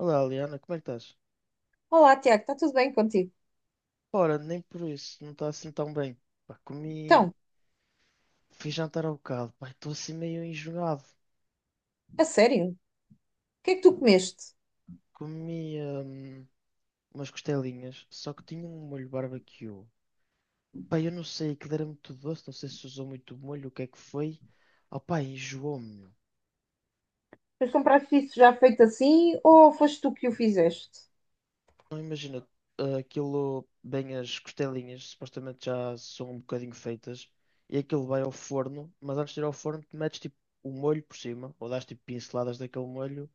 Olá, Liana, como é que estás? Olá, Tiago, está tudo bem contigo? Ora, nem por isso, não está assim tão bem. Pá, Então, fui jantar ao bocado, pá, estou assim meio enjoado. a sério, o que é que tu comeste? Comi umas costelinhas, só que tinha um molho barbecue. Pá, eu não sei, aquilo era muito doce, não sei se usou muito molho, o que é que foi. Oh, pá, enjoou-me, meu. Mas compraste isso já feito assim ou foste tu que o fizeste? Não imagina, aquilo, bem as costelinhas, supostamente já são um bocadinho feitas, e aquilo vai ao forno, mas antes de ir ao forno, tu metes tipo o molho por cima, ou dás tipo pinceladas daquele molho.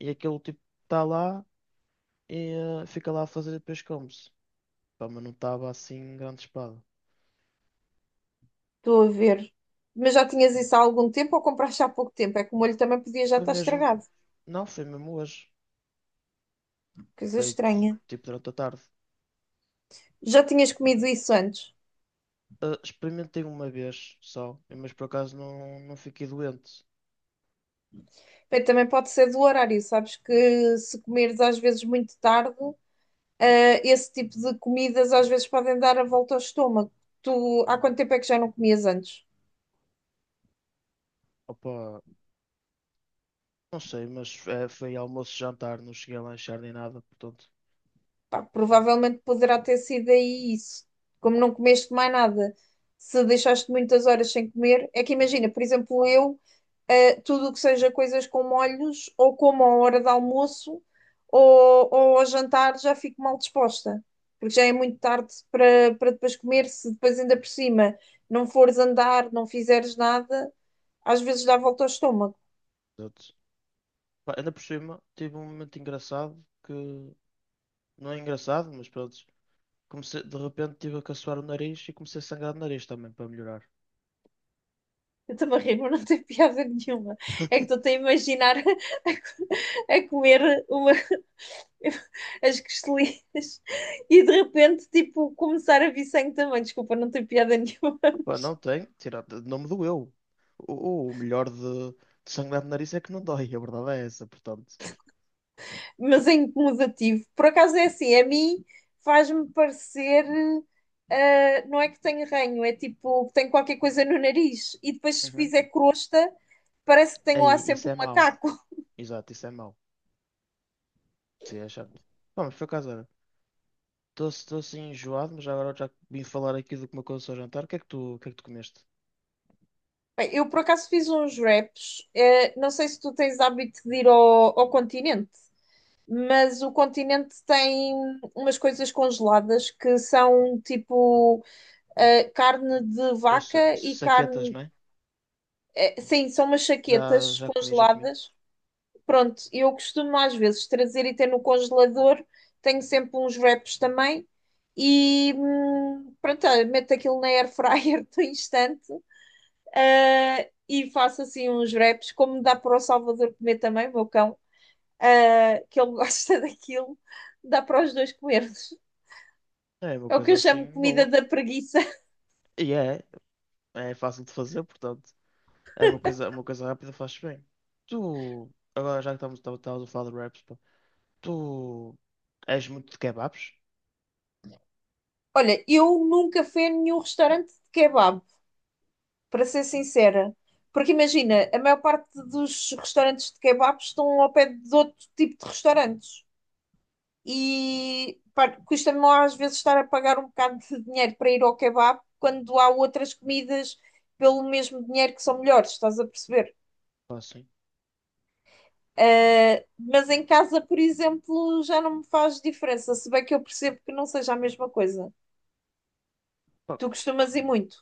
E aquele tipo está lá e fica lá a fazer e depois come-se. Pá, mas não estava assim grande espada. Estou a ver. Mas já tinhas isso há algum tempo ou compraste há pouco tempo? É que o molho também podia já Foi estar mesmo. estragado. Não, foi mesmo hoje. Coisa Foi estranha. tipo durante a tarde. Já tinhas comido isso antes? Experimentei uma vez só, mas por acaso não, não fiquei doente. Bem, também pode ser do horário, sabes que se comeres às vezes muito tarde. Ah, esse tipo de comidas às vezes podem dar a volta ao estômago. Tu, há quanto tempo é que já não comias antes? Opa, não sei, mas foi almoço e jantar, não cheguei a lanchar nem nada, portanto. Pá, provavelmente poderá ter sido aí isso. Como não comeste mais nada, se deixaste muitas horas sem comer, é que imagina, por exemplo, eu. Tudo o que seja coisas com molhos, ou como à hora de almoço, ou ao jantar, já fico mal disposta, porque já é muito tarde para, depois comer, se depois ainda por cima não fores andar, não fizeres nada, às vezes dá volta ao estômago. Portanto, pá, ainda por cima, tive um momento engraçado que. Não é engraçado, mas pronto. Comecei, de repente tive a caçoar o nariz e comecei a sangrar o nariz também para melhorar. Eu estou-me a rir, mas não tem piada nenhuma. É que estou a imaginar a comer uma. As costelinas e de repente, tipo, começar a vir sangue também. Desculpa, não tem piada nenhuma, Pá, não tem, tirar, não me doeu. O melhor de sangrar no nariz é que não dói, a verdade é essa, portanto. mas é incomodativo. Por acaso é assim, a mim faz-me parecer. Não é que tenho ranho, é tipo que tenho qualquer coisa no nariz e depois se Uhum. fizer crosta, parece que tenho lá Aí, isso sempre é um mau. macaco. Exato, isso é mau. Sim, é chato. Pá, mas por acaso, olha, estou assim enjoado, mas agora já que vim falar aqui do que me aconteceu ao jantar. O que é que tu comeste? Bem, eu por acaso fiz uns wraps, não sei se tu tens hábito de ir ao continente, mas o continente tem umas coisas congeladas que são tipo carne de Eu, vaca e saquetas, carne. não é? Sim, são umas Já, chaquetas já comi, já comi. congeladas. Pronto, eu costumo às vezes trazer e ter no congelador. Tenho sempre uns wraps também. E pronto, olha, meto aquilo na air fryer do instante e faço assim uns wraps, como dá para o Salvador comer também, o meu cão, que ele gosta daquilo, dá para os dois comermos. É uma É o que coisa eu chamo assim comida boa. da preguiça. E é fácil de fazer, portanto. É uma coisa rápida, faz bem. Tu, agora já que estamos a falar de raps, pá. Tu és muito de kebabs? Olha, eu nunca fui a nenhum restaurante de kebab. Para ser sincera. Porque imagina, a maior parte dos restaurantes de kebabs estão ao pé de outro tipo de restaurantes. E pá, custa-me às vezes estar a pagar um bocado de dinheiro para ir ao kebab quando há outras comidas pelo mesmo dinheiro que são melhores, estás a perceber? Ou assim? Mas em casa, por exemplo, já não me faz diferença, se bem que eu percebo que não seja a mesma coisa. Pá, Tu costumas ir muito.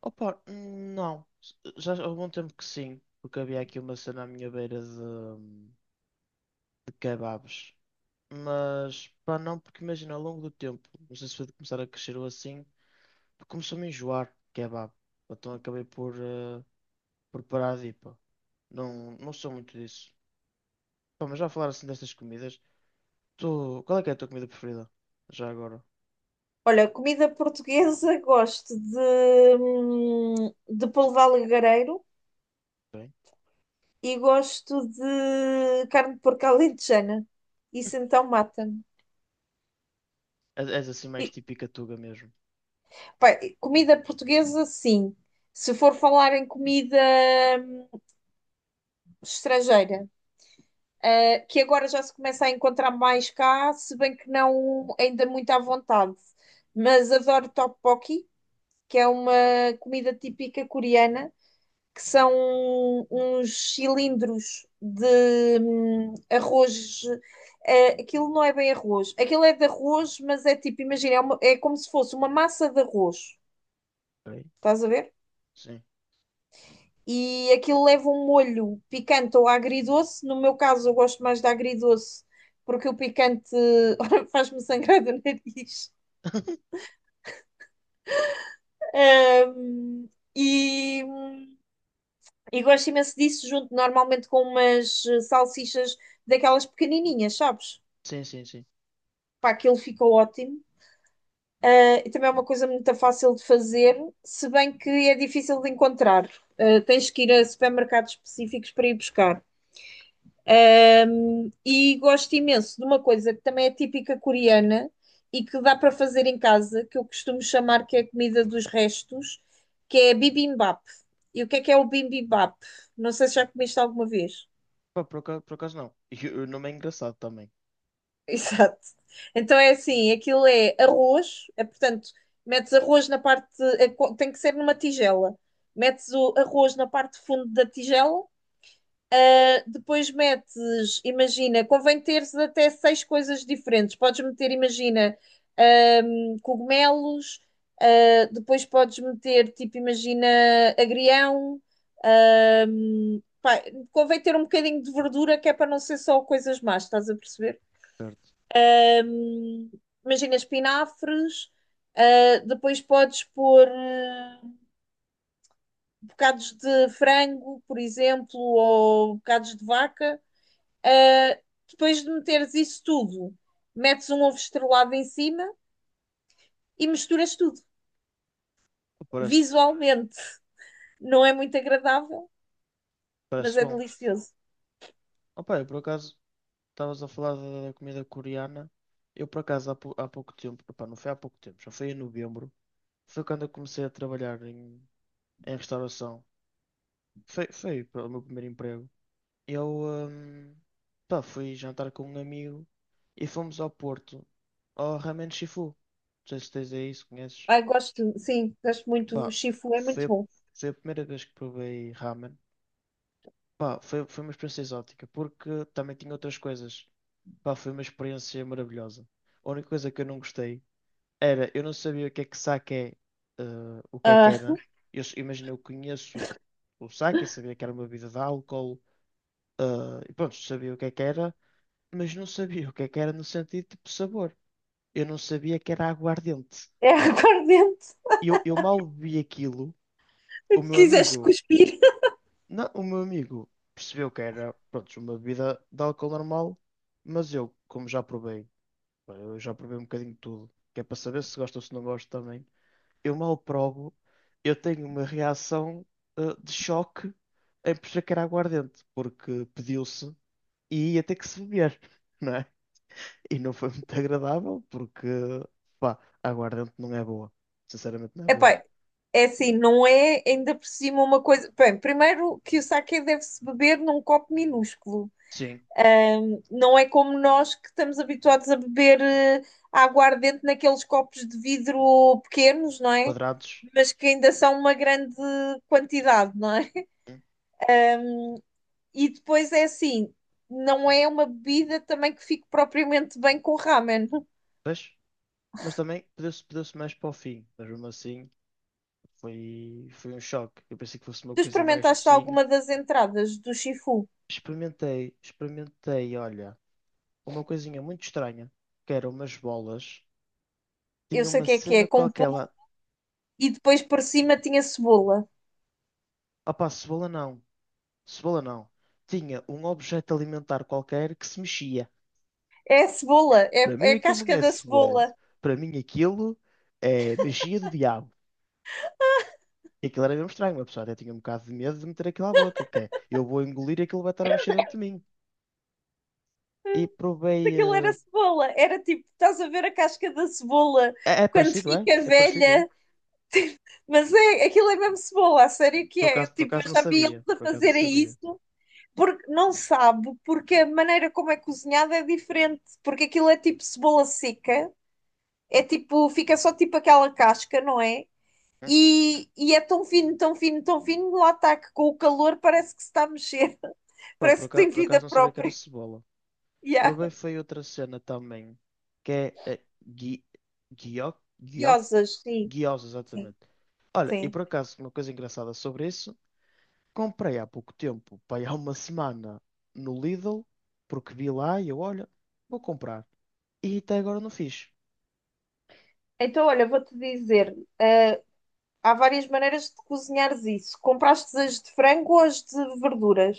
opa, não. Já há algum tempo que sim, porque havia aqui uma cena à minha beira de kebabs. Mas, pá, não, porque imagina, ao longo do tempo, não sei se foi de começar a crescer ou assim, começou-me a enjoar de kebab. Então acabei por parar de ir, pá. Não, não sou muito disso. Pá, mas já a falar assim destas comidas, tu, qual é que é a tua comida preferida? Já agora, Olha, comida portuguesa, gosto de polvo alagareiro bem? e gosto de carne de porco alentejana. Isso então mata-me. És assim mais E, típica tuga mesmo, pá, e comida portuguesa, sim. Se for falar em comida hum, estrangeira, que agora já se começa a encontrar mais cá, se bem que não ainda muito à vontade. Mas adoro tteokbokki, que é uma comida típica coreana, que são uns cilindros de arroz. Aquilo não é bem arroz. Aquilo é de arroz, mas é tipo, imagina, é como se fosse uma massa de arroz. bem? Estás a ver? Sim. E aquilo leva um molho picante ou agridoce. No meu caso, eu gosto mais de agridoce, porque o picante faz-me sangrar do nariz. Ahm, e, e gosto imenso disso, junto normalmente com umas salsichas daquelas pequenininhas, sabes? Sim, sim, sim. Pá, aquilo fica ótimo. Ah, e também é uma coisa muito fácil de fazer, se bem que é difícil de encontrar. Ah, tens que ir a supermercados específicos para ir buscar. E gosto imenso de uma coisa que também é típica coreana e que dá para fazer em casa, que eu costumo chamar que é a comida dos restos, que é bibimbap. E o que é o bibimbap? Não sei se já comiste alguma vez. Pá, por acaso não. E o nome é engraçado também. Exato. Então é assim, aquilo é arroz, é portanto, metes arroz na parte, tem que ser numa tigela. Metes o arroz na parte de fundo da tigela. Depois metes, imagina, convém teres até seis coisas diferentes. Podes meter, imagina, cogumelos, depois podes meter, tipo, imagina, agrião. Pá, convém ter um bocadinho de verdura, que é para não ser só coisas más, estás a perceber? Certo. Um, imagina, espinafres. Depois podes pôr bocados de frango, por exemplo, ou bocados de vaca. Ah, depois de meteres isso tudo, metes um ovo estrelado em cima e misturas tudo. Parece, Visualmente, não é muito agradável, mas parece é bom. delicioso. Opa, eu por acaso estavas a falar da comida coreana. Eu por acaso há pouco tempo, opá, não foi há pouco tempo, já foi em novembro. Foi quando eu comecei a trabalhar em restauração. Foi pá, o meu primeiro emprego. Eu hum, pá, fui jantar com um amigo e fomos ao Porto, ao Ramen Shifu. Não sei se tens aí, se conheces. Ai, gosto, sim, gosto muito. O Pá, chifu é muito foi, a- bom. foi a primeira vez que provei ramen. Pá, foi uma experiência exótica, porque também tinha outras coisas. Pá, foi uma experiência maravilhosa. A única coisa que eu não gostei era, eu não sabia o que é que sake é, eh, o que é que Ah, era. Eu, imagina, eu conheço o sake, sabia que era uma bebida de álcool, eh, e pronto, sabia o que é que era, mas não sabia o que é que era no sentido tipo sabor. Eu não sabia que era aguardente. é aguardente. Eu mal bebi aquilo, Se o meu quiseste amigo. cuspir. Não, o meu amigo percebeu que era, pronto, uma bebida de álcool normal, mas eu, como já provei, pá, eu já provei um bocadinho de tudo, que é para saber se gosto ou se não gosto também, eu mal provo, eu tenho uma reação de choque em perceber que era aguardente, porque pediu-se e ia ter que se beber, não é? E não foi muito agradável, porque, pá, aguardente não é boa. Sinceramente não é boa. Epá, é assim, não é ainda por cima uma coisa. Bem, primeiro que o saque deve-se beber num copo minúsculo. Sim, Não é como nós que estamos habituados a beber aguardente naqueles copos de vidro pequenos, não é? quadrados, Mas que ainda são uma grande quantidade, não é? hum, E depois é assim, não é uma bebida também que fique propriamente bem com ramen. pois. Mas também pediu-se mais para o fim, mas mesmo assim foi um choque. Eu pensei que fosse uma Tu coisa mais experimentaste docinha. alguma das entradas do Shifu? Experimentei, olha, uma coisinha muito estranha, que eram umas bolas. Eu Tinha sei o uma que é, cena com qualquer pão lá. e depois por cima tinha cebola. Opá, cebola não, cebola não. Tinha um objeto alimentar qualquer que se mexia. É a cebola, é, Para mim é a aquilo não casca é da cebola. cebola. Para mim aquilo é magia do diabo. E aquilo era mesmo estranho, uma pessoa até tinha um bocado de medo de meter aquilo à boca, que é, eu vou engolir e aquilo vai estar a mexer dentro de mim. E provei. Aquilo era cebola. Era tipo, estás a ver a casca da cebola É quando parecido, é? fica É parecido, é? velha, mas é, aquilo é mesmo cebola, a sério que Por é. acaso, por Tipo, acaso eu não já vi eles sabia. a Por acaso não fazerem sabia. isso porque não sabe, porque a maneira como é cozinhada é diferente, porque aquilo é tipo cebola seca, é tipo, fica só tipo aquela casca, não é? Hum? E é tão fino, tão fino, tão fino, lá está que com o calor parece que se está a mexer, Pá, por parece que acaso, tem por acaso vida não sabia que era própria. cebola. Yeah. Provei foi outra cena também. Que é. Guio, guio, Curiosas, sim, Guiosa, sim, exatamente. Olha, e sim. por acaso, uma coisa engraçada sobre isso. Comprei há pouco tempo, pá, há uma semana no Lidl. Porque vi lá e eu, olha, vou comprar. E até agora não fiz. Então, olha, vou-te dizer, há várias maneiras de cozinhares isso. Compraste as de frango ou as de verduras?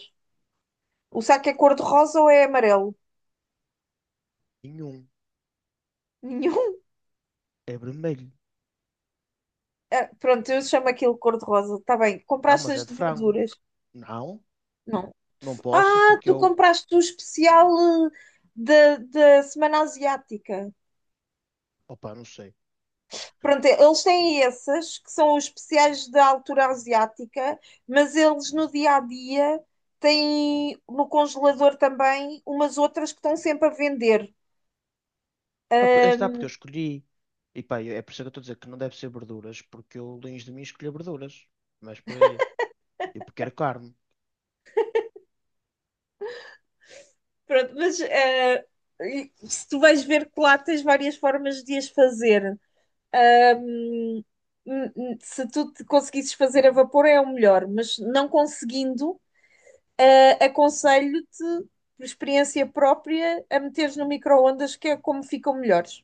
O saco é cor-de-rosa ou é amarelo? Nenhum. Nenhum. É vermelho. Ah, pronto, eu chamo aquilo cor-de-rosa. Está bem. Não, Compraste mas é as de de frango. verduras? Não. Não. Não posso Ah, porque tu eu. compraste o especial eh, da Semana Asiática. Opa, não sei. Pronto, eles têm essas que são os especiais da altura asiática, mas eles no dia a dia têm no congelador também umas outras que estão sempre a vender. Ah, está porque eu Ahm, escolhi. E pá, é por isso que eu estou a dizer que não deve ser verduras, porque eu, longe de mim, escolhi verduras. Mas por aí. Eu quero carne. Pronto, mas se tu vais ver que lá tens várias formas de as fazer. Hum, Se tu te conseguisses fazer a vapor é o melhor, mas não conseguindo, aconselho-te, por experiência própria, a meteres no micro-ondas, que é como ficam melhores.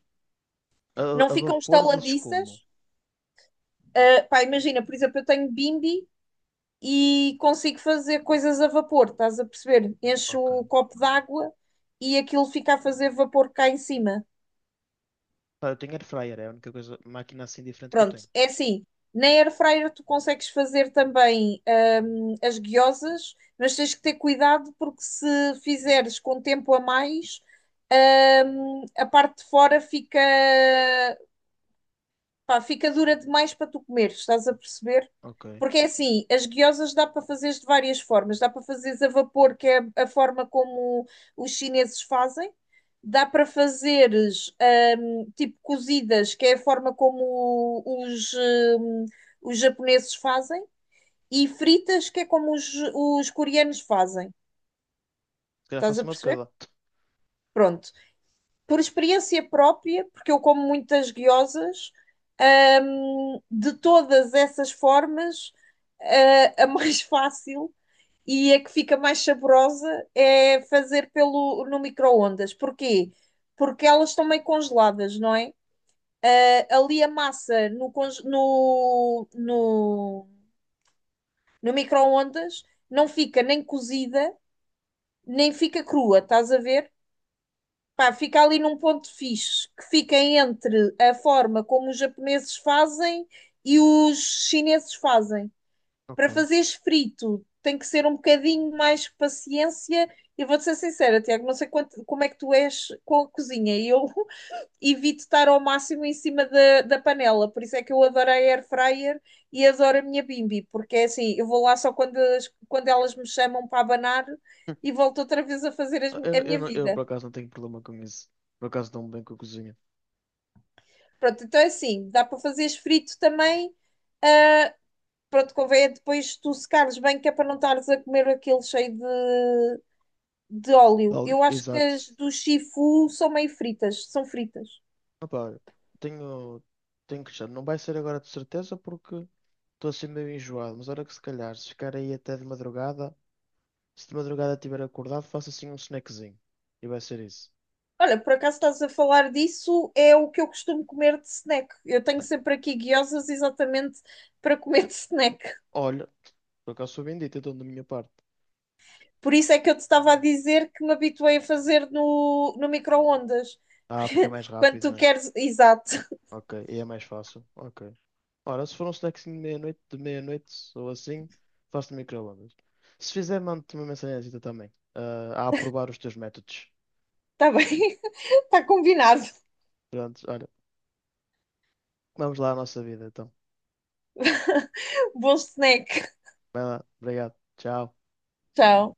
Não A, a ficam vapor dizes como? estaladiças. Ah, pá, imagina, por exemplo, eu tenho bimbi e consigo fazer coisas a vapor, estás a perceber? Encho Ok. o copo d'água e aquilo fica a fazer vapor cá em cima. Pá, eu tenho air fryer, é a única coisa, máquina assim diferente que eu Pronto, tenho. é assim. Na air fryer tu consegues fazer também as guiosas, mas tens que ter cuidado porque se fizeres com tempo a mais, a parte de fora fica dura demais para tu comer, estás a perceber? Ok. Porque é assim, as guiosas dá para fazeres de várias formas. Dá para fazeres a vapor, que é a forma como os chineses fazem. Dá para fazeres tipo cozidas, que é a forma como os japoneses fazem. E fritas, que é como os coreanos fazem. Se calhar Estás faço a uma de perceber? cada. Pronto. Por experiência própria, porque eu como muitas guiosas, de todas essas formas, a mais fácil e a que fica mais saborosa é fazer no micro-ondas. Porquê? Porque elas estão meio congeladas, não é? Ah, ali a massa no, no, no micro-ondas não fica nem cozida, nem fica crua, estás a ver? Pá, fica ali num ponto fixe, que fica entre a forma como os japoneses fazem e os chineses fazem. Ok. Para fazeres frito, tem que ser um bocadinho mais paciência. Eu vou-te ser sincera, Tiago, não sei como é que tu és com a cozinha. Eu evito estar ao máximo em cima da panela, por isso é que eu adoro a air fryer e adoro a minha bimby porque é assim, eu vou lá só quando elas me chamam para abanar e volto outra vez a fazer Ah, a minha eu, vida. por acaso não tenho problema com isso. Por acaso dou-me bem com a cozinha. Pronto, então é assim, dá para fazeres frito também. Ah, pronto, convém é depois tu secares bem, que é para não estares a comer aquele cheio de óleo. Ali. Eu acho que Exato. as do Shifu são meio fritas, são fritas. Opa, tenho. Tenho que deixar. Não vai ser agora de certeza porque. Estou assim meio enjoado, mas olha que se calhar, se ficar aí até de madrugada, se de madrugada estiver acordado, faço assim um snackzinho. E vai ser isso. Olha, por acaso estás a falar disso, é o que eu costumo comer de snack. Eu tenho sempre aqui guiosas exatamente para comer de snack. Olha, por acaso sou bendito, então da minha parte. Por isso é que eu te estava a dizer que me habituei a fazer no micro-ondas. Ah, porque é mais Quando rápido, tu né? queres. Exato, Ok, e é mais fácil. Ok. Ora, se for um snackzinho de meia-noite ou assim, faço no micro-ondas. Se fizer, mando-te uma mensagem também, a aprovar os teus métodos. está bem, está combinado. Pronto, olha, vamos lá à nossa vida, então. Bom snack. Vai lá, obrigado, tchau. Tchau.